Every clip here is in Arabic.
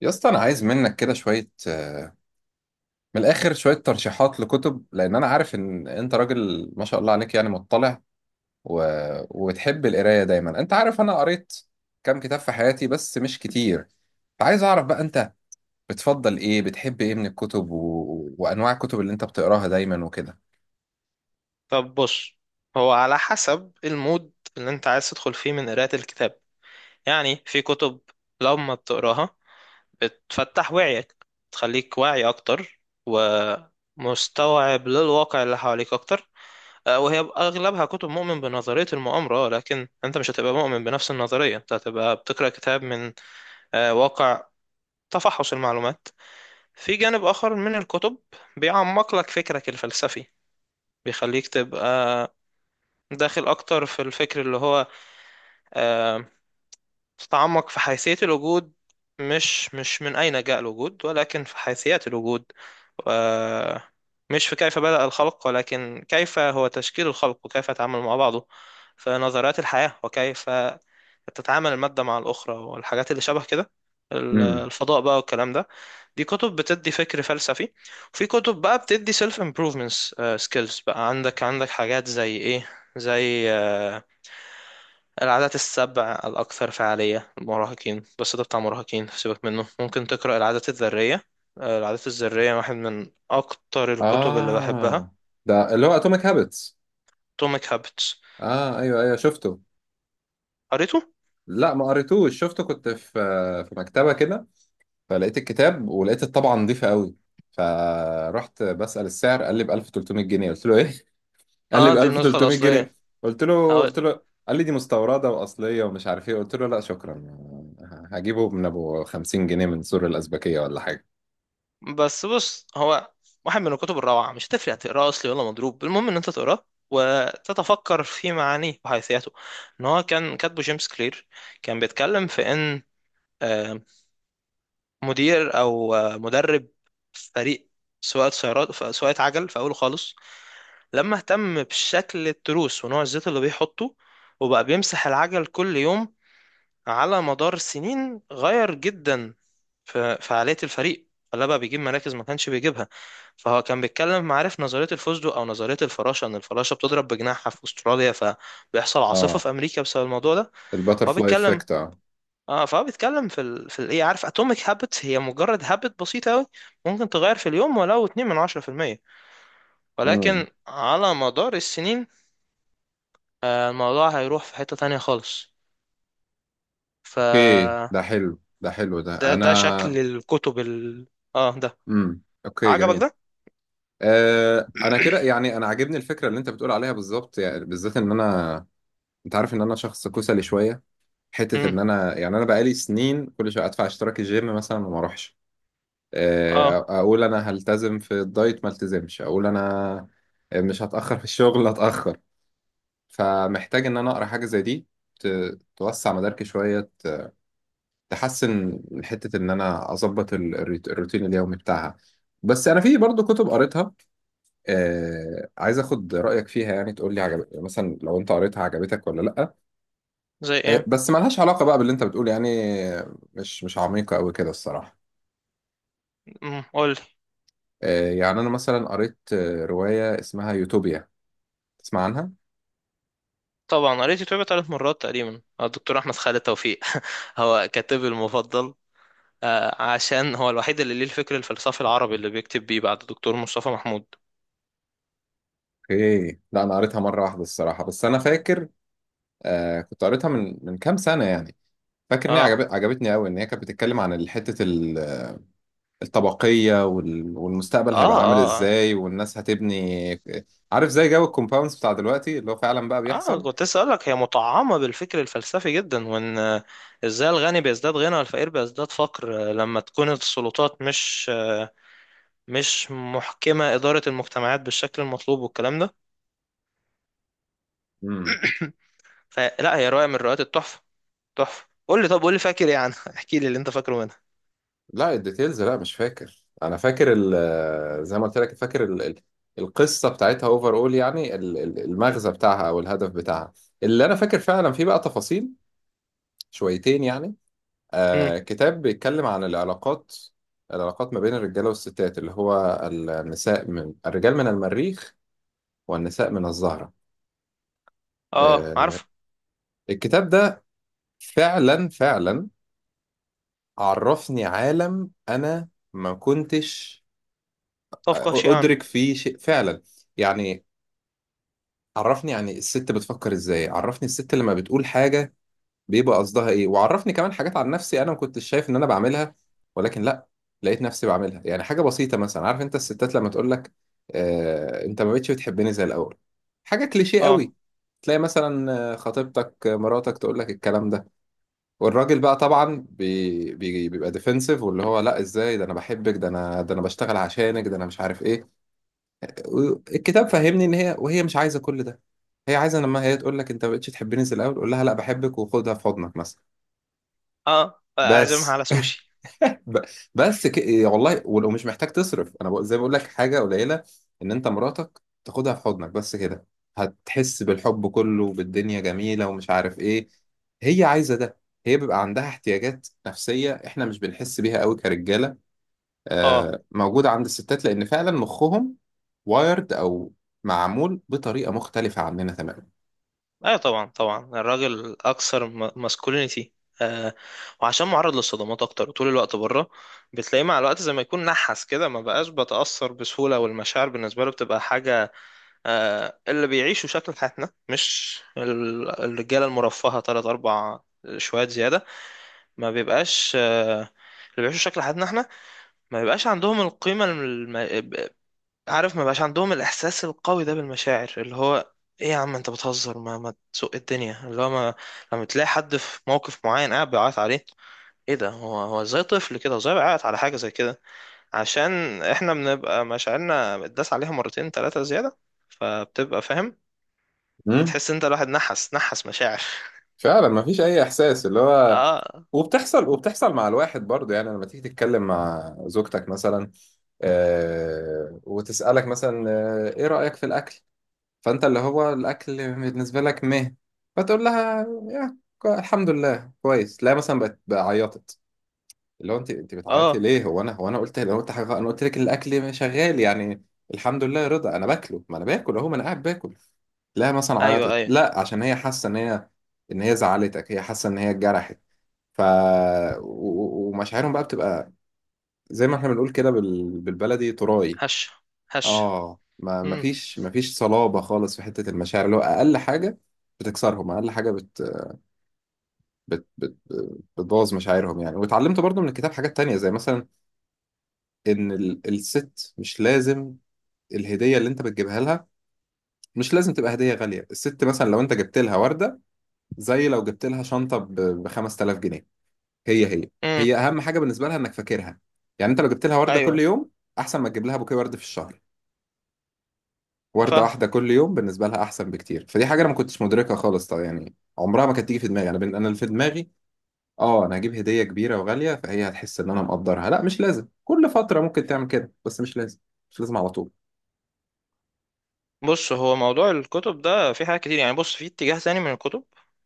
يا اسطى انا عايز منك كده شويه من الاخر شويه ترشيحات لكتب لان انا عارف ان انت راجل ما شاء الله عليك يعني مطلع و... وتحب القرايه دايما. انت عارف انا قريت كام كتاب في حياتي بس مش كتير، فعايز اعرف بقى انت بتفضل ايه، بتحب ايه من الكتب وانواع الكتب اللي انت بتقراها دايما وكده. طب بص. هو على حسب المود اللي انت عايز تدخل فيه من قراءة الكتاب. يعني في كتب لما بتقراها بتفتح وعيك، تخليك واعي اكتر ومستوعب للواقع اللي حواليك اكتر. وهي اغلبها كتب مؤمن بنظرية المؤامرة، لكن انت مش هتبقى مؤمن بنفس النظرية، انت هتبقى بتقرأ كتاب من واقع، تفحص المعلومات. في جانب اخر من الكتب بيعمق لك فكرك الفلسفي، بيخليك تبقى داخل اكتر في الفكر اللي هو آه، تتعمق في حيثية الوجود، مش من أين جاء الوجود، ولكن في حيثيات الوجود. آه، مش في كيف بدأ الخلق، ولكن كيف هو تشكيل الخلق وكيف يتعامل مع بعضه. في نظريات الحياة وكيف تتعامل المادة مع الأخرى والحاجات اللي شبه كده. امم. الفضاء بقى والكلام ده، دي كتب بتدي فكر فلسفي. وفي كتب بقى بتدي self improvements، skills. بقى عندك حاجات زي إيه؟ زي العادات السبع الأكثر فعالية للمراهقين، بس ده بتاع مراهقين، سيبك منه، ممكن تقرأ العادات الذرية. العادات الذرية واحد من أكتر الكتب اللي بحبها. اه، ده اللي هو اتوميك هابتس. atomic habits. اه ايوه ايوه شفته. قريته؟ لا ما قريتوش، شفته كنت في مكتبه كده، فلقيت الكتاب ولقيت الطبعة نظيفة قوي، فرحت بسأل السعر. قال لي ب 1300 جنيه. قلت له ايه؟ قال لي اه ب دي النسخة 1300 الأصلية، جنيه قلت له أو قلت له قال لي دي مستوردة وأصلية ومش عارف ايه. قلت له لا شكرا، هجيبه من ابو 50 جنيه من سور الأزبكية ولا حاجة. بس بص، هو واحد من الكتب الروعة، مش هتفرق تقراه أصلي ولا مضروب، المهم إن أنت تقراه وتتفكر في معانيه وحيثياته. إن هو كان كاتبه جيمس كلير، كان بيتكلم في إن آه، مدير او مدرب فريق سواقة سيارات، سواقة عجل في اوله خالص، لما اهتم بشكل التروس ونوع الزيت اللي بيحطه، وبقى بيمسح العجل كل يوم، على مدار سنين غير جدا في فعالية الفريق، فلا بقى بيجيب مراكز ما كانش بيجيبها. فهو كان بيتكلم، عارف نظرية الفوزدو أو نظرية الفراشة، إن الفراشة بتضرب بجناحها في أستراليا فبيحصل عاصفة اه في أمريكا بسبب الموضوع ده. هو الباترفلاي بيتكلم، افكت، اه. اه فهو بيتكلم في في الايه، عارف اتوميك هابت هي مجرد هابت بسيطه قوي، ممكن تغير في اليوم ولو 2 من 10%، امم. ولكن على مدار السنين الموضوع هيروح في حته تانية خالص. ف اوكي ده حلو، ده حلو، ده ده انا. شكل الكتب ال... اه ده. اوكي عجبك جميل. ده؟ آه انا كده يعني انا عاجبني الفكره اللي انت بتقول عليها بالظبط، يعني بالذات ان انا، انت عارف ان انا شخص كسلي شويه، حته امم. ان انا يعني انا بقالي سنين كل شويه ادفع اشتراك الجيم مثلا وما اروحش. اه. اقول انا هلتزم في الدايت ما التزمش، اقول انا مش هتاخر في الشغل اتاخر. فمحتاج ان انا اقرا حاجه زي دي، توسع مداركي شويه، تحسن من حته ان انا اظبط الروتين اليومي بتاعها. بس انا في برضو كتب قريتها، عايز اخد رايك فيها. يعني تقول لي عجب مثلا، لو انت قريتها عجبتك ولا لا. زي إيه، ايه؟ بس ملهاش علاقة بقى باللي انت بتقول يعني، مش عميقة قوي كده الصراحة. امم، قول لي. إيه، يعني انا مثلا قريت رواية اسمها يوتوبيا، تسمع عنها؟ طبعا قريت الكتاب ثلاث مرات تقريبا. الدكتور احمد خالد توفيق هو كاتبي المفضل. عشان هو الوحيد اللي ليه الفكر الفلسفي العربي اللي بيكتب بيه بعد دكتور مصطفى محمود. اوكي، لا انا قريتها مرة واحدة الصراحة. بس انا فاكر، آه كنت قريتها من كام سنة يعني. فاكر ان هي اه، عجبتني قوي. ان هي كانت بتتكلم عن حتة الطبقية والمستقبل اه. هيبقى عامل اه، ازاي، والناس هتبني آه، عارف زي جو الكومباوندز بتاع دلوقتي اللي هو فعلا بقى اه بيحصل. كنت اسالك، هي مطعمه بالفكر الفلسفي جدا، وان ازاي الغني بيزداد غنى والفقير بيزداد فقر، لما تكون السلطات مش مش محكمه اداره المجتمعات بالشكل المطلوب والكلام ده. مم. فلا هي روايه من روايات التحفه، تحفه. قول لي، طب قول لي فاكر ايه عنها، احكي لي اللي انت فاكره منها. لا الديتيلز لا مش فاكر. انا فاكر زي ما قلت لك، فاكر القصه بتاعتها اوفر اول، يعني المغزى بتاعها او الهدف بتاعها. اللي انا فاكر فعلا فيه بقى تفاصيل شويتين يعني. امم. آه كتاب بيتكلم عن العلاقات ما بين الرجاله والستات، اللي هو النساء من الرجال من المريخ والنساء من الزهره. اه آه عارف. الكتاب ده فعلا فعلا عرفني عالم انا ما كنتش طب قهشي عنه. ادرك فيه شيء فعلا. يعني عرفني يعني الست بتفكر ازاي، عرفني الست لما بتقول حاجة بيبقى قصدها ايه، وعرفني كمان حاجات عن نفسي انا ما كنتش شايف ان انا بعملها، ولكن لا، لقيت نفسي بعملها. يعني حاجة بسيطة مثلا، عارف انت الستات لما تقول لك آه انت ما بقتش بتحبني زي الاول، حاجة كليشيه اه. قوي، تلاقي مثلا خطيبتك مراتك تقول لك الكلام ده، والراجل بقى طبعا بي بي بيبقى ديفنسيف واللي هو لا ازاي، ده انا بحبك، ده انا، ده انا بشتغل عشانك، ده انا مش عارف ايه. الكتاب فهمني ان هي مش عايزه كل ده، هي عايزه لما هي تقول لك انت ما بقتش تحبني زي الاول قول لها لا بحبك وخدها في حضنك مثلا. اه اعزمها بس على سوشي. ب- إيه، والله ولو مش محتاج تصرف. انا زي ما بقول لك حاجه قليله ان انت مراتك تاخدها في حضنك بس كده، هتحس بالحب كله وبالدنيا جميله ومش عارف ايه. هي عايزه ده، هي بيبقى عندها احتياجات نفسيه احنا مش بنحس بيها قوي كرجاله. اه آه، موجودة عند الستات لأن فعلا مخهم وايرد، أو معمول بطريقة مختلفة عننا تماما. ايوه، طبعا طبعا، الراجل اكثر ماسكولينيتي، آه، وعشان معرض للصدمات اكتر وطول الوقت بره، بتلاقيه مع الوقت زي ما يكون نحس كده، ما بقاش بتأثر بسهولة، والمشاعر بالنسبة له بتبقى حاجة، آه اللي بيعيشوا شكل حياتنا، مش الرجالة المرفهة تلات اربع شوية زيادة، ما بيبقاش، آه اللي بيعيشوا شكل حياتنا احنا ما بيبقاش عندهم القيمة. عارف، ما بقاش عندهم الاحساس القوي ده بالمشاعر، اللي هو ايه يا عم انت بتهزر، ما تسوق الدنيا اللي هو ما، لما تلاقي حد في موقف معين قاعد بيعيط عليه، ايه ده، هو هو زي طفل كده، زي بيعيط على حاجه زي كده، عشان احنا بنبقى مشاعرنا بتداس عليها مرتين ثلاثه زياده، فبتبقى فاهم. امم. بتحس انت الواحد نحس مشاعر. فعلا ما فيش أي إحساس اللي هو، اه، وبتحصل مع الواحد برضه. يعني لما تيجي تتكلم مع زوجتك مثلا، وتسألك مثلا إيه رأيك في الأكل؟ فأنت اللي هو الأكل بالنسبة لك مه، فتقول لها يا الحمد لله كويس. لا مثلا بقت بقى عيطت. اللي هو انت بتعيطي اه ليه؟ هو انا هو انا قلت لو انت حاجه؟ انا قلت لك الاكل شغال يعني، الحمد لله يا رضا انا باكله، ما انا باكل اهو، ما انا قاعد باكل. لا مثلا ايوه عيطت، ايوه. لا عشان هي حاسه ان هي، ان هي زعلتك، هي حاسه ان هي اتجرحت. ف ومشاعرهم بقى بتبقى زي ما احنا بنقول كده بالبلدي تراي. هش هش. اه ما ما امم. فيش ما فيش صلابه خالص في حته المشاعر، اللي هو اقل حاجه بتكسرهم، اقل حاجه بت... بت... بتبوظ مشاعرهم يعني. واتعلمت برضو من الكتاب حاجات تانية، زي مثلا ان الست مش لازم الهديه اللي انت بتجيبها لها مش لازم تبقى هديه غاليه. الست مثلا لو انت جبت لها ورده زي لو جبت لها شنطه ب 5000 جنيه، هي هي امم هي اهم حاجه بالنسبه لها انك فاكرها. يعني انت لو جبت لها ورده كل ايوه يوم احسن ما تجيب لها بوكيه ورد في الشهر، ورده فاهم. واحده كل يوم بالنسبه لها احسن بكتير. فدي حاجه انا ما كنتش مدركها خالص طبعا، يعني عمرها ما كانت تيجي في دماغي. انا انا اللي في دماغي اه انا هجيب هديه كبيره وغاليه فهي هتحس ان انا مقدرها. لا مش لازم، كل فتره ممكن تعمل كده بس مش لازم، مش لازم على طول. بص، هو موضوع الكتب ده في حاجات كتير يعني. بص، في اتجاه تاني من الكتب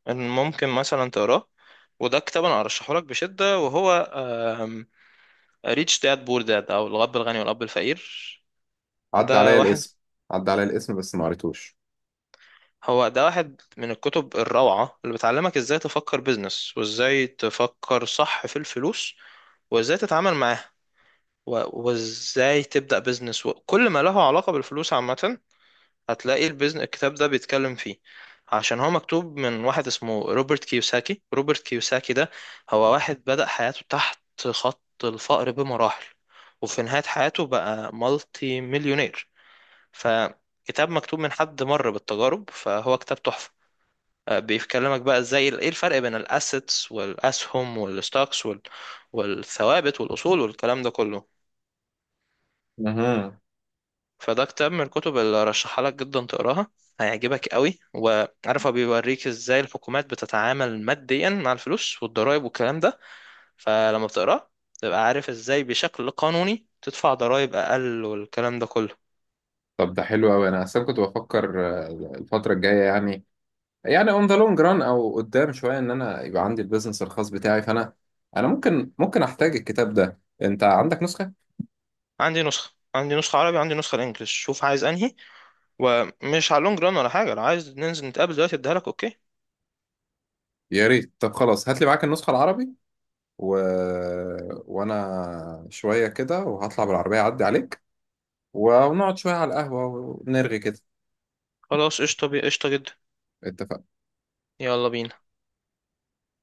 ان ممكن مثلا تقراه، وده كتاب انا ارشحه لك بشده، وهو ريتش داد بور داد، او الاب الغني والاب الفقير. عدى ده عليا واحد، الاسم، عدى عليا الاسم بس ما قريتوش. هو ده واحد من الكتب الروعه اللي بتعلمك ازاي تفكر بيزنس، وازاي تفكر صح في الفلوس وازاي تتعامل معاها، وازاي تبدا بيزنس وكل ما له علاقه بالفلوس عامه، هتلاقي البيزنس الكتاب ده بيتكلم فيه. عشان هو مكتوب من واحد اسمه روبرت كيوساكي. روبرت كيوساكي ده هو واحد بدأ حياته تحت خط الفقر بمراحل، وفي نهاية حياته بقى مالتي مليونير. فكتاب مكتوب من حد مر بالتجارب، فهو كتاب تحفة. بيكلمك بقى ازاي ايه الفرق بين الاسيتس والاسهم والستوكس والثوابت والاصول والكلام ده كله. اها، فده كتاب من الكتب اللي رشحها لك جدا تقراها، هيعجبك قوي. وعارف هو بيوريك ازاي الحكومات بتتعامل ماديا مع الفلوس والضرائب والكلام ده، فلما بتقراه تبقى عارف ازاي بشكل قانوني تدفع ضرائب اقل والكلام ده كله. طب ده حلو قوي. انا اصلا كنت بفكر آه، الفتره الجايه يعني، يعني اون ذا لونج ران او قدام شويه، ان انا يبقى عندي البيزنس الخاص بتاعي. انا ممكن احتاج الكتاب ده، انت عندك نسخه؟ عندي نسخة عربي، وعندي نسخة الانجليش، شوف عايز انهي. ومش على اللونج ران ولا حاجة، لو عايز ننزل نتقابل دلوقتي اديها لك، اوكي؟ يا ريت، طب خلاص هات لي معاك النسخه العربي و... وانا شويه كده وهطلع بالعربيه اعدي عليك، ونقعد شويه على القهوه ونرغي كده. خلاص قشطة، قشطة جدا. اتفقنا. يلا بينا.